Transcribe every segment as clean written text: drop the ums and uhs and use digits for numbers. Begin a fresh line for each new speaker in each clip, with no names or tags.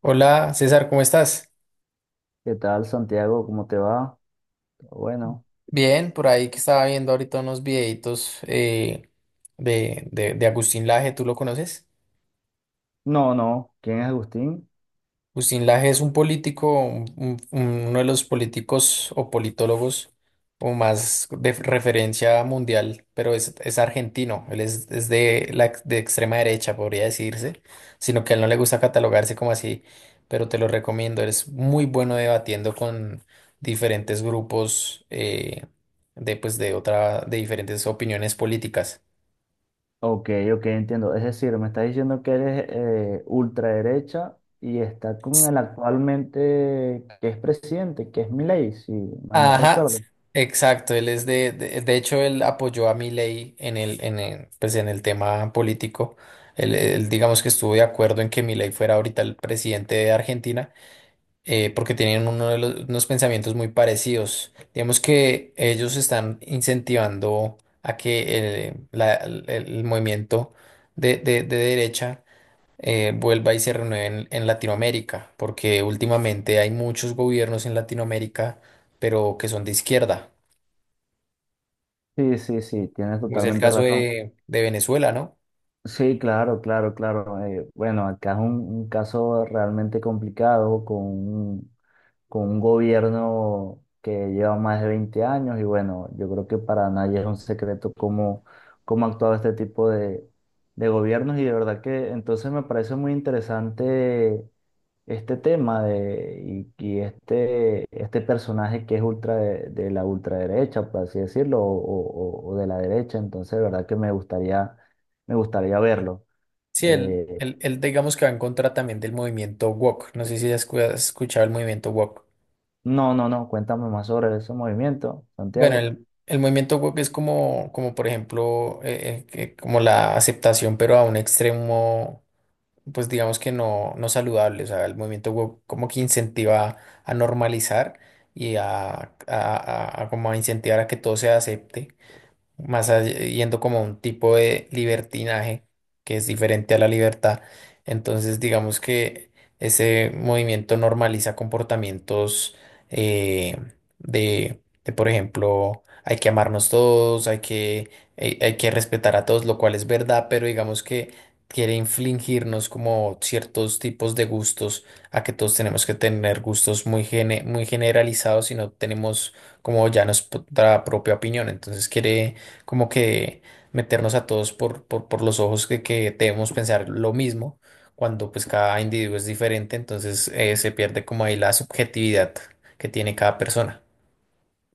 Hola César, ¿cómo estás?
¿Qué tal, Santiago? ¿Cómo te va? Bueno,
Bien, por ahí que estaba viendo ahorita unos videitos de Agustín Laje, ¿tú lo conoces?
no, no. ¿Quién es Agustín?
Agustín Laje es un político, uno de los políticos o politólogos o más de referencia mundial, pero es argentino, es de la de extrema derecha, podría decirse, sino que a él no le gusta catalogarse como así, pero te lo recomiendo. Él es muy bueno debatiendo con diferentes grupos de, pues, de otra, de diferentes opiniones políticas.
Ok, ok, entiendo. Es decir, me estás diciendo que eres ultraderecha y está con el actualmente que es presidente, que es Milei, si mal no
Ajá,
recuerdo.
exacto. Él es de hecho, él apoyó a Milei en el, pues en el tema político. Él, digamos que estuvo de acuerdo en que Milei fuera ahorita el presidente de Argentina, porque tienen unos pensamientos muy parecidos. Digamos que ellos están incentivando a que el movimiento de derecha vuelva y se renueve en Latinoamérica, porque últimamente hay muchos gobiernos en Latinoamérica, pero que son de izquierda.
Sí, sí, sí, tienes
Pues el Bueno,
totalmente
caso
razón.
de Venezuela, ¿no?
Sí, claro, claro, claro. Bueno, acá es un caso realmente complicado con un gobierno que lleva más de 20 años y bueno, yo creo que para nadie es un secreto cómo ha actuado este tipo de gobiernos y de verdad que entonces me parece muy interesante este tema de, y este personaje que es ultra de la ultraderecha, por así decirlo, o de la derecha, entonces de verdad que me gustaría verlo.
Sí,
Eh,
él, digamos que va en contra también del movimiento woke. No sé si has escuchado el movimiento woke.
no, no, no, cuéntame más sobre ese movimiento,
Bueno,
Santiago.
el movimiento woke es como, como por ejemplo, como la aceptación, pero a un extremo pues digamos que no, no saludable. O sea, el movimiento woke como que incentiva a normalizar y a como a incentivar a que todo se acepte yendo como a un tipo de libertinaje que es diferente a la libertad. Entonces, digamos que ese movimiento normaliza comportamientos eh, de, por ejemplo, hay que amarnos todos, hay que, hay que respetar a todos, lo cual es verdad, pero digamos que quiere infligirnos como ciertos tipos de gustos, a que todos tenemos que tener gustos muy, muy generalizados y no tenemos como ya nuestra propia opinión. Entonces quiere como que meternos a todos por los ojos que debemos pensar lo mismo, cuando pues cada individuo es diferente, entonces se pierde como ahí la subjetividad que tiene cada persona.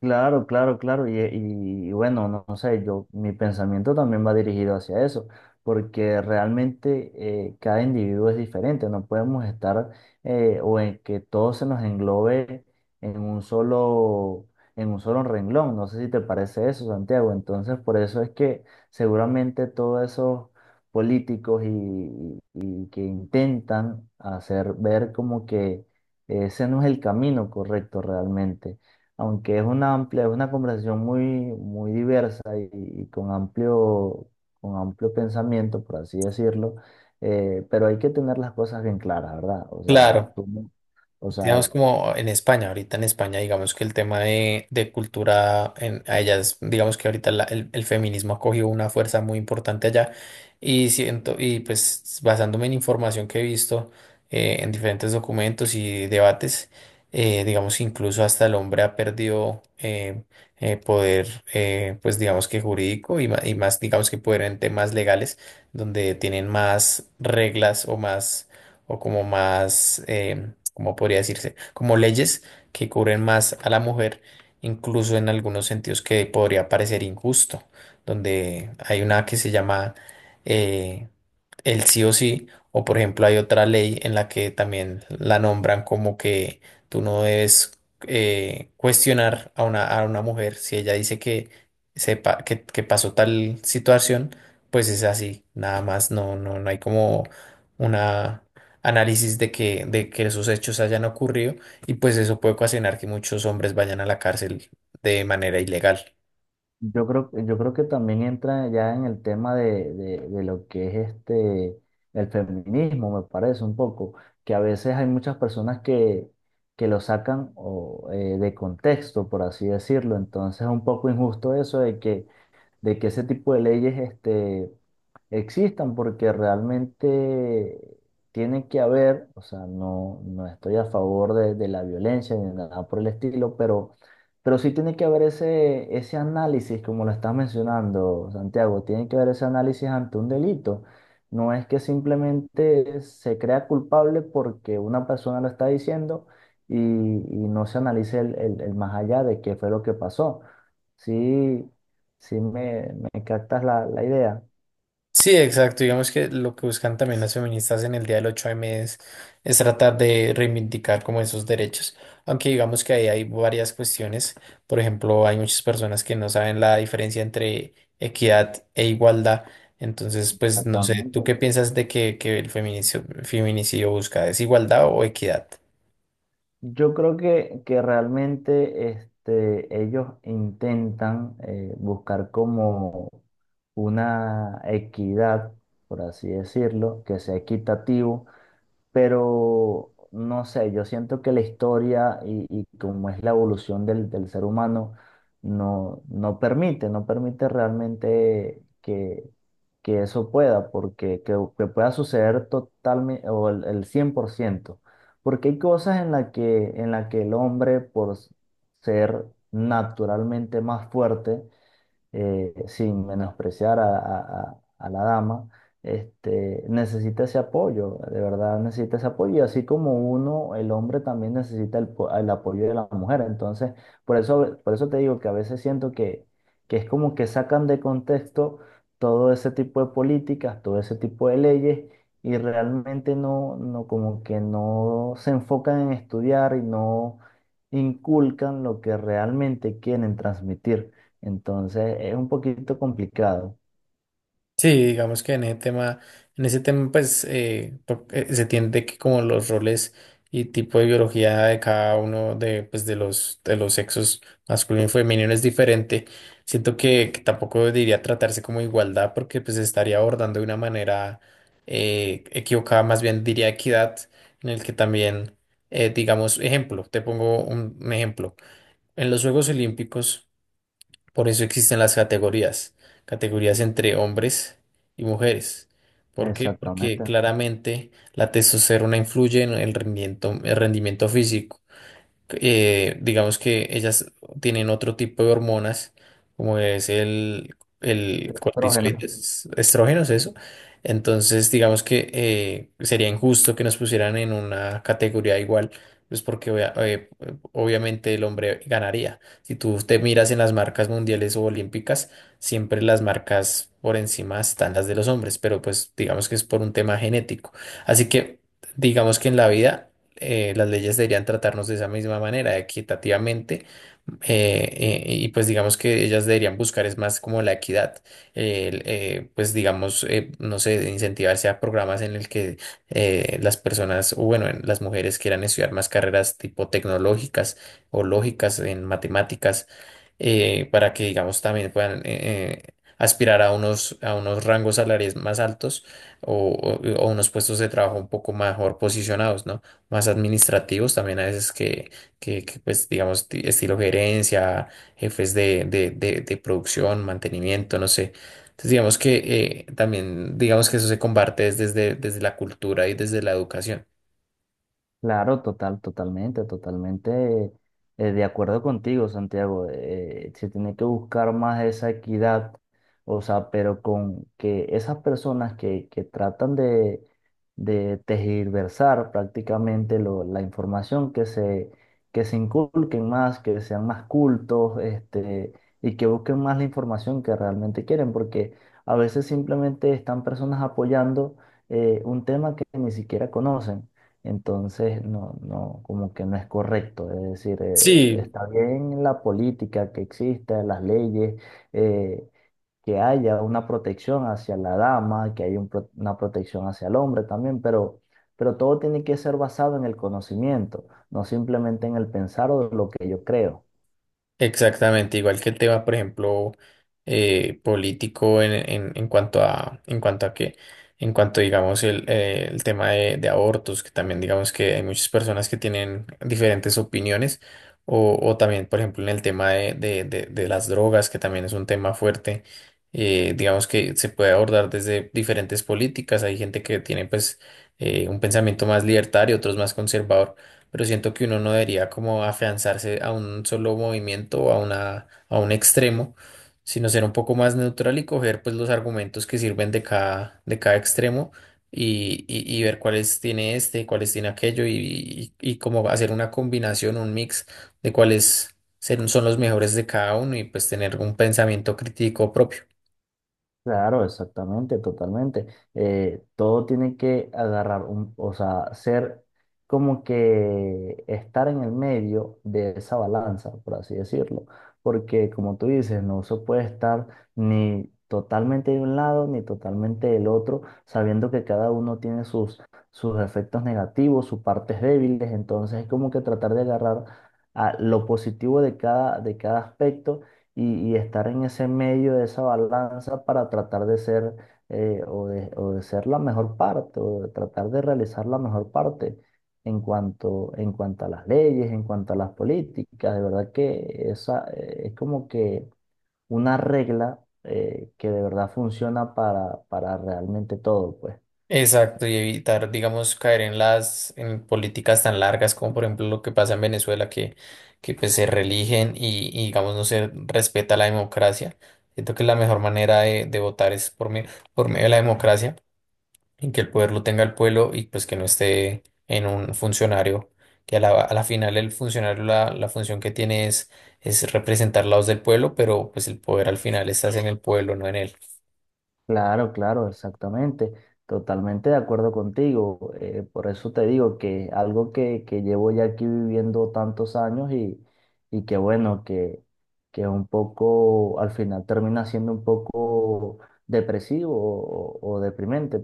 Claro, claro, claro. Y bueno, no, no sé, yo, mi pensamiento también va dirigido hacia eso, porque realmente cada individuo es diferente, no podemos estar o en que todo se nos englobe en un solo, en un solo renglón. No sé si te parece eso, Santiago. Entonces, por eso es que seguramente todos esos políticos y que intentan hacer ver como que ese no es el camino correcto realmente aunque es una conversación muy, muy diversa y con amplio pensamiento, por así decirlo, pero hay que tener las cosas bien claras, ¿verdad? O sea,
Claro.
o sea,
Digamos como en España, ahorita en España, digamos que el tema de cultura en, a ellas, digamos que ahorita el feminismo ha cogido una fuerza muy importante allá y siento, y pues basándome en información que he visto en diferentes documentos y debates, digamos incluso hasta el hombre ha perdido poder, pues digamos que jurídico y, y más, digamos que poder en temas legales, donde tienen más reglas o más, o como más... como podría decirse, como leyes que cubren más a la mujer, incluso en algunos sentidos que podría parecer injusto, donde hay una que se llama, eh, el sí o sí, o por ejemplo hay otra ley en la que también la nombran como que tú no debes cuestionar a una mujer si ella dice que sepa que pasó tal situación, pues es así, nada más, no, no, no hay como una análisis de que esos hechos hayan ocurrido y pues eso puede ocasionar que muchos hombres vayan a la cárcel de manera ilegal.
yo creo que también entra ya en el tema de lo que es este, el feminismo, me parece un poco, que a veces hay muchas personas que lo sacan de contexto, por así decirlo, entonces es un poco injusto eso de que ese tipo de leyes existan, porque realmente tiene que haber, o sea, no, no estoy a favor de la violencia ni nada por el estilo, pero sí tiene que haber ese análisis, como lo estás mencionando, Santiago, tiene que haber ese análisis ante un delito. No es que simplemente se crea culpable porque una persona lo está diciendo y no se analice el más allá de qué fue lo que pasó. Sí, si me captas la idea.
Sí, exacto. Digamos que lo que buscan también las feministas en el Día del 8M es tratar de reivindicar como esos derechos. Aunque digamos que ahí hay varias cuestiones. Por ejemplo, hay muchas personas que no saben la diferencia entre equidad e igualdad. Entonces, pues no sé, ¿tú
Exactamente.
qué piensas de que el feminicidio busca desigualdad o equidad?
Yo creo que realmente ellos intentan buscar como una equidad, por así decirlo, que sea equitativo pero no sé, yo siento que la historia y como es la evolución del ser humano, no, no permite realmente que eso pueda, porque que pueda suceder totalmente o el 100% porque hay cosas en la que el hombre, por ser naturalmente más fuerte, sin menospreciar a la dama, necesita ese apoyo, de verdad necesita ese apoyo, y así como uno, el hombre también necesita el apoyo de la mujer. Entonces, por eso te digo que a veces siento que es como que sacan de contexto todo ese tipo de políticas, todo ese tipo de leyes. Y realmente no, no, como que no se enfocan en estudiar y no inculcan lo que realmente quieren transmitir. Entonces es un poquito complicado.
Sí, digamos que en ese tema, pues se tiende que como los roles y tipo de biología de cada uno de, pues, de los sexos masculino y femenino es diferente. Siento que tampoco diría tratarse como igualdad porque pues estaría abordando de una manera equivocada, más bien diría equidad, en el que también, digamos, ejemplo, te pongo un ejemplo. En los Juegos Olímpicos. Por eso existen las categorías, categorías entre hombres y mujeres. ¿Por qué? Porque
Exactamente.
claramente la testosterona influye en el rendimiento físico. Digamos que ellas tienen otro tipo de hormonas, como es el
Es
cortisol y
prógeno.
estrógenos, eso. Entonces, digamos que sería injusto que nos pusieran en una categoría igual, pues porque obviamente el hombre ganaría. Si tú te miras en las marcas mundiales o olímpicas, siempre las marcas por encima están las de los hombres, pero pues digamos que es por un tema genético. Así que digamos que en la vida las leyes deberían tratarnos de esa misma manera, equitativamente, y pues digamos que ellas deberían buscar es más como la equidad, pues digamos, no sé, incentivarse a programas en el que las personas, o bueno, las mujeres quieran estudiar más carreras tipo tecnológicas o lógicas en matemáticas, para que digamos también puedan aspirar a unos rangos salariales más altos o, o unos puestos de trabajo un poco mejor posicionados, ¿no? Más administrativos también a veces que pues digamos estilo gerencia, jefes de producción, mantenimiento, no sé. Entonces digamos que también digamos que eso se combate es desde la cultura y desde la educación.
Claro, totalmente de acuerdo contigo, Santiago. Se tiene que buscar más esa equidad, o sea, pero con que esas personas que tratan de tergiversar prácticamente la información, que se inculquen más, que sean más cultos, y que busquen más la información que realmente quieren, porque a veces simplemente están personas apoyando un tema que ni siquiera conocen. Entonces, no, no, como que no es correcto. Es decir,
Sí,
está bien la política que exista, las leyes, eh, que haya una protección hacia la dama, que haya una protección hacia el hombre también, pero todo tiene que ser basado en el conocimiento, no simplemente en el pensar o lo que yo creo.
exactamente, igual que el tema, por ejemplo, político en cuanto en cuanto en cuanto, digamos, el tema de abortos, que también digamos que hay muchas personas que tienen diferentes opiniones, o también, por ejemplo, en el tema de las drogas, que también es un tema fuerte, digamos que se puede abordar desde diferentes políticas, hay gente que tiene pues un pensamiento más libertario, otros más conservador, pero siento que uno no debería como afianzarse a un solo movimiento o a una, a un extremo, sino ser un poco más neutral y coger pues los argumentos que sirven de cada extremo y, y ver cuáles tiene este, cuáles tiene aquello y, y como hacer una combinación, un mix de son los mejores de cada uno y pues tener un pensamiento crítico propio.
Claro, exactamente, totalmente. Todo tiene que agarrar o sea, ser como que estar en el medio de esa balanza, por así decirlo. Porque como tú dices, no se puede estar ni totalmente de un lado ni totalmente del otro, sabiendo que cada uno tiene sus efectos negativos, sus partes débiles. Entonces es como que tratar de agarrar a lo positivo de cada aspecto y estar en ese medio de esa balanza para tratar de ser o de ser la mejor parte o de tratar de realizar la mejor parte en cuanto a las leyes, en cuanto a las políticas. De verdad que esa es como que una regla que de verdad funciona para realmente todo, pues.
Exacto, y evitar, digamos, caer en las en políticas tan largas como por ejemplo lo que pasa en Venezuela, que pues se reeligen y, digamos no se respeta la democracia. Siento que la mejor manera de votar es por medio de la democracia, en que el poder lo tenga el pueblo y pues que no esté en un funcionario, que a a la final el funcionario la función que tiene es representar la voz del pueblo, pero pues el poder al final estás en el pueblo, no en él.
Claro, claro, exactamente. Totalmente de acuerdo contigo. Por eso te digo que algo que llevo ya aquí viviendo tantos años y que bueno, que un poco, al final termina siendo un poco depresivo o deprimente.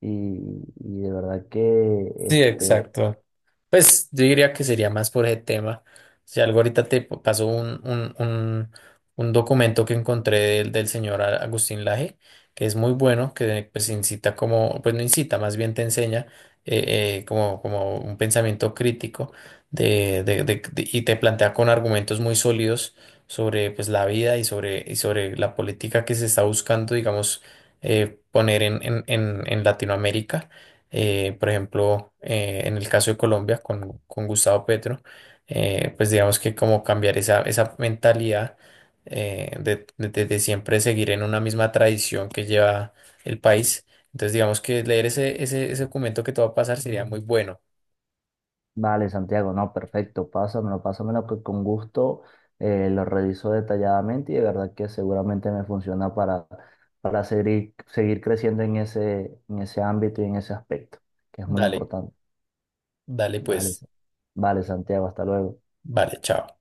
Y, y de verdad que
Sí,
este,
exacto. Pues yo diría que sería más por ese tema. Si algo ahorita pasó un documento que encontré del, del señor Agustín Laje, que es muy bueno, que pues incita como, pues no incita, más bien te enseña como, como un pensamiento crítico y te plantea con argumentos muy sólidos sobre pues la vida y sobre la política que se está buscando, digamos, poner en Latinoamérica. Por ejemplo, en el caso de Colombia con Gustavo Petro, pues digamos que como cambiar esa, esa mentalidad de siempre seguir en una misma tradición que lleva el país. Entonces, digamos que leer ese, ese documento que te va a pasar sería muy bueno.
Vale, Santiago, no, perfecto, pásamelo, pásamelo que con gusto lo reviso detalladamente y de verdad que seguramente me funciona para seguir, seguir creciendo en ese ámbito y en ese aspecto, que es muy
Dale,
importante.
dale
Vale,
pues,
Sa- vale, Santiago, hasta luego.
vale, chao.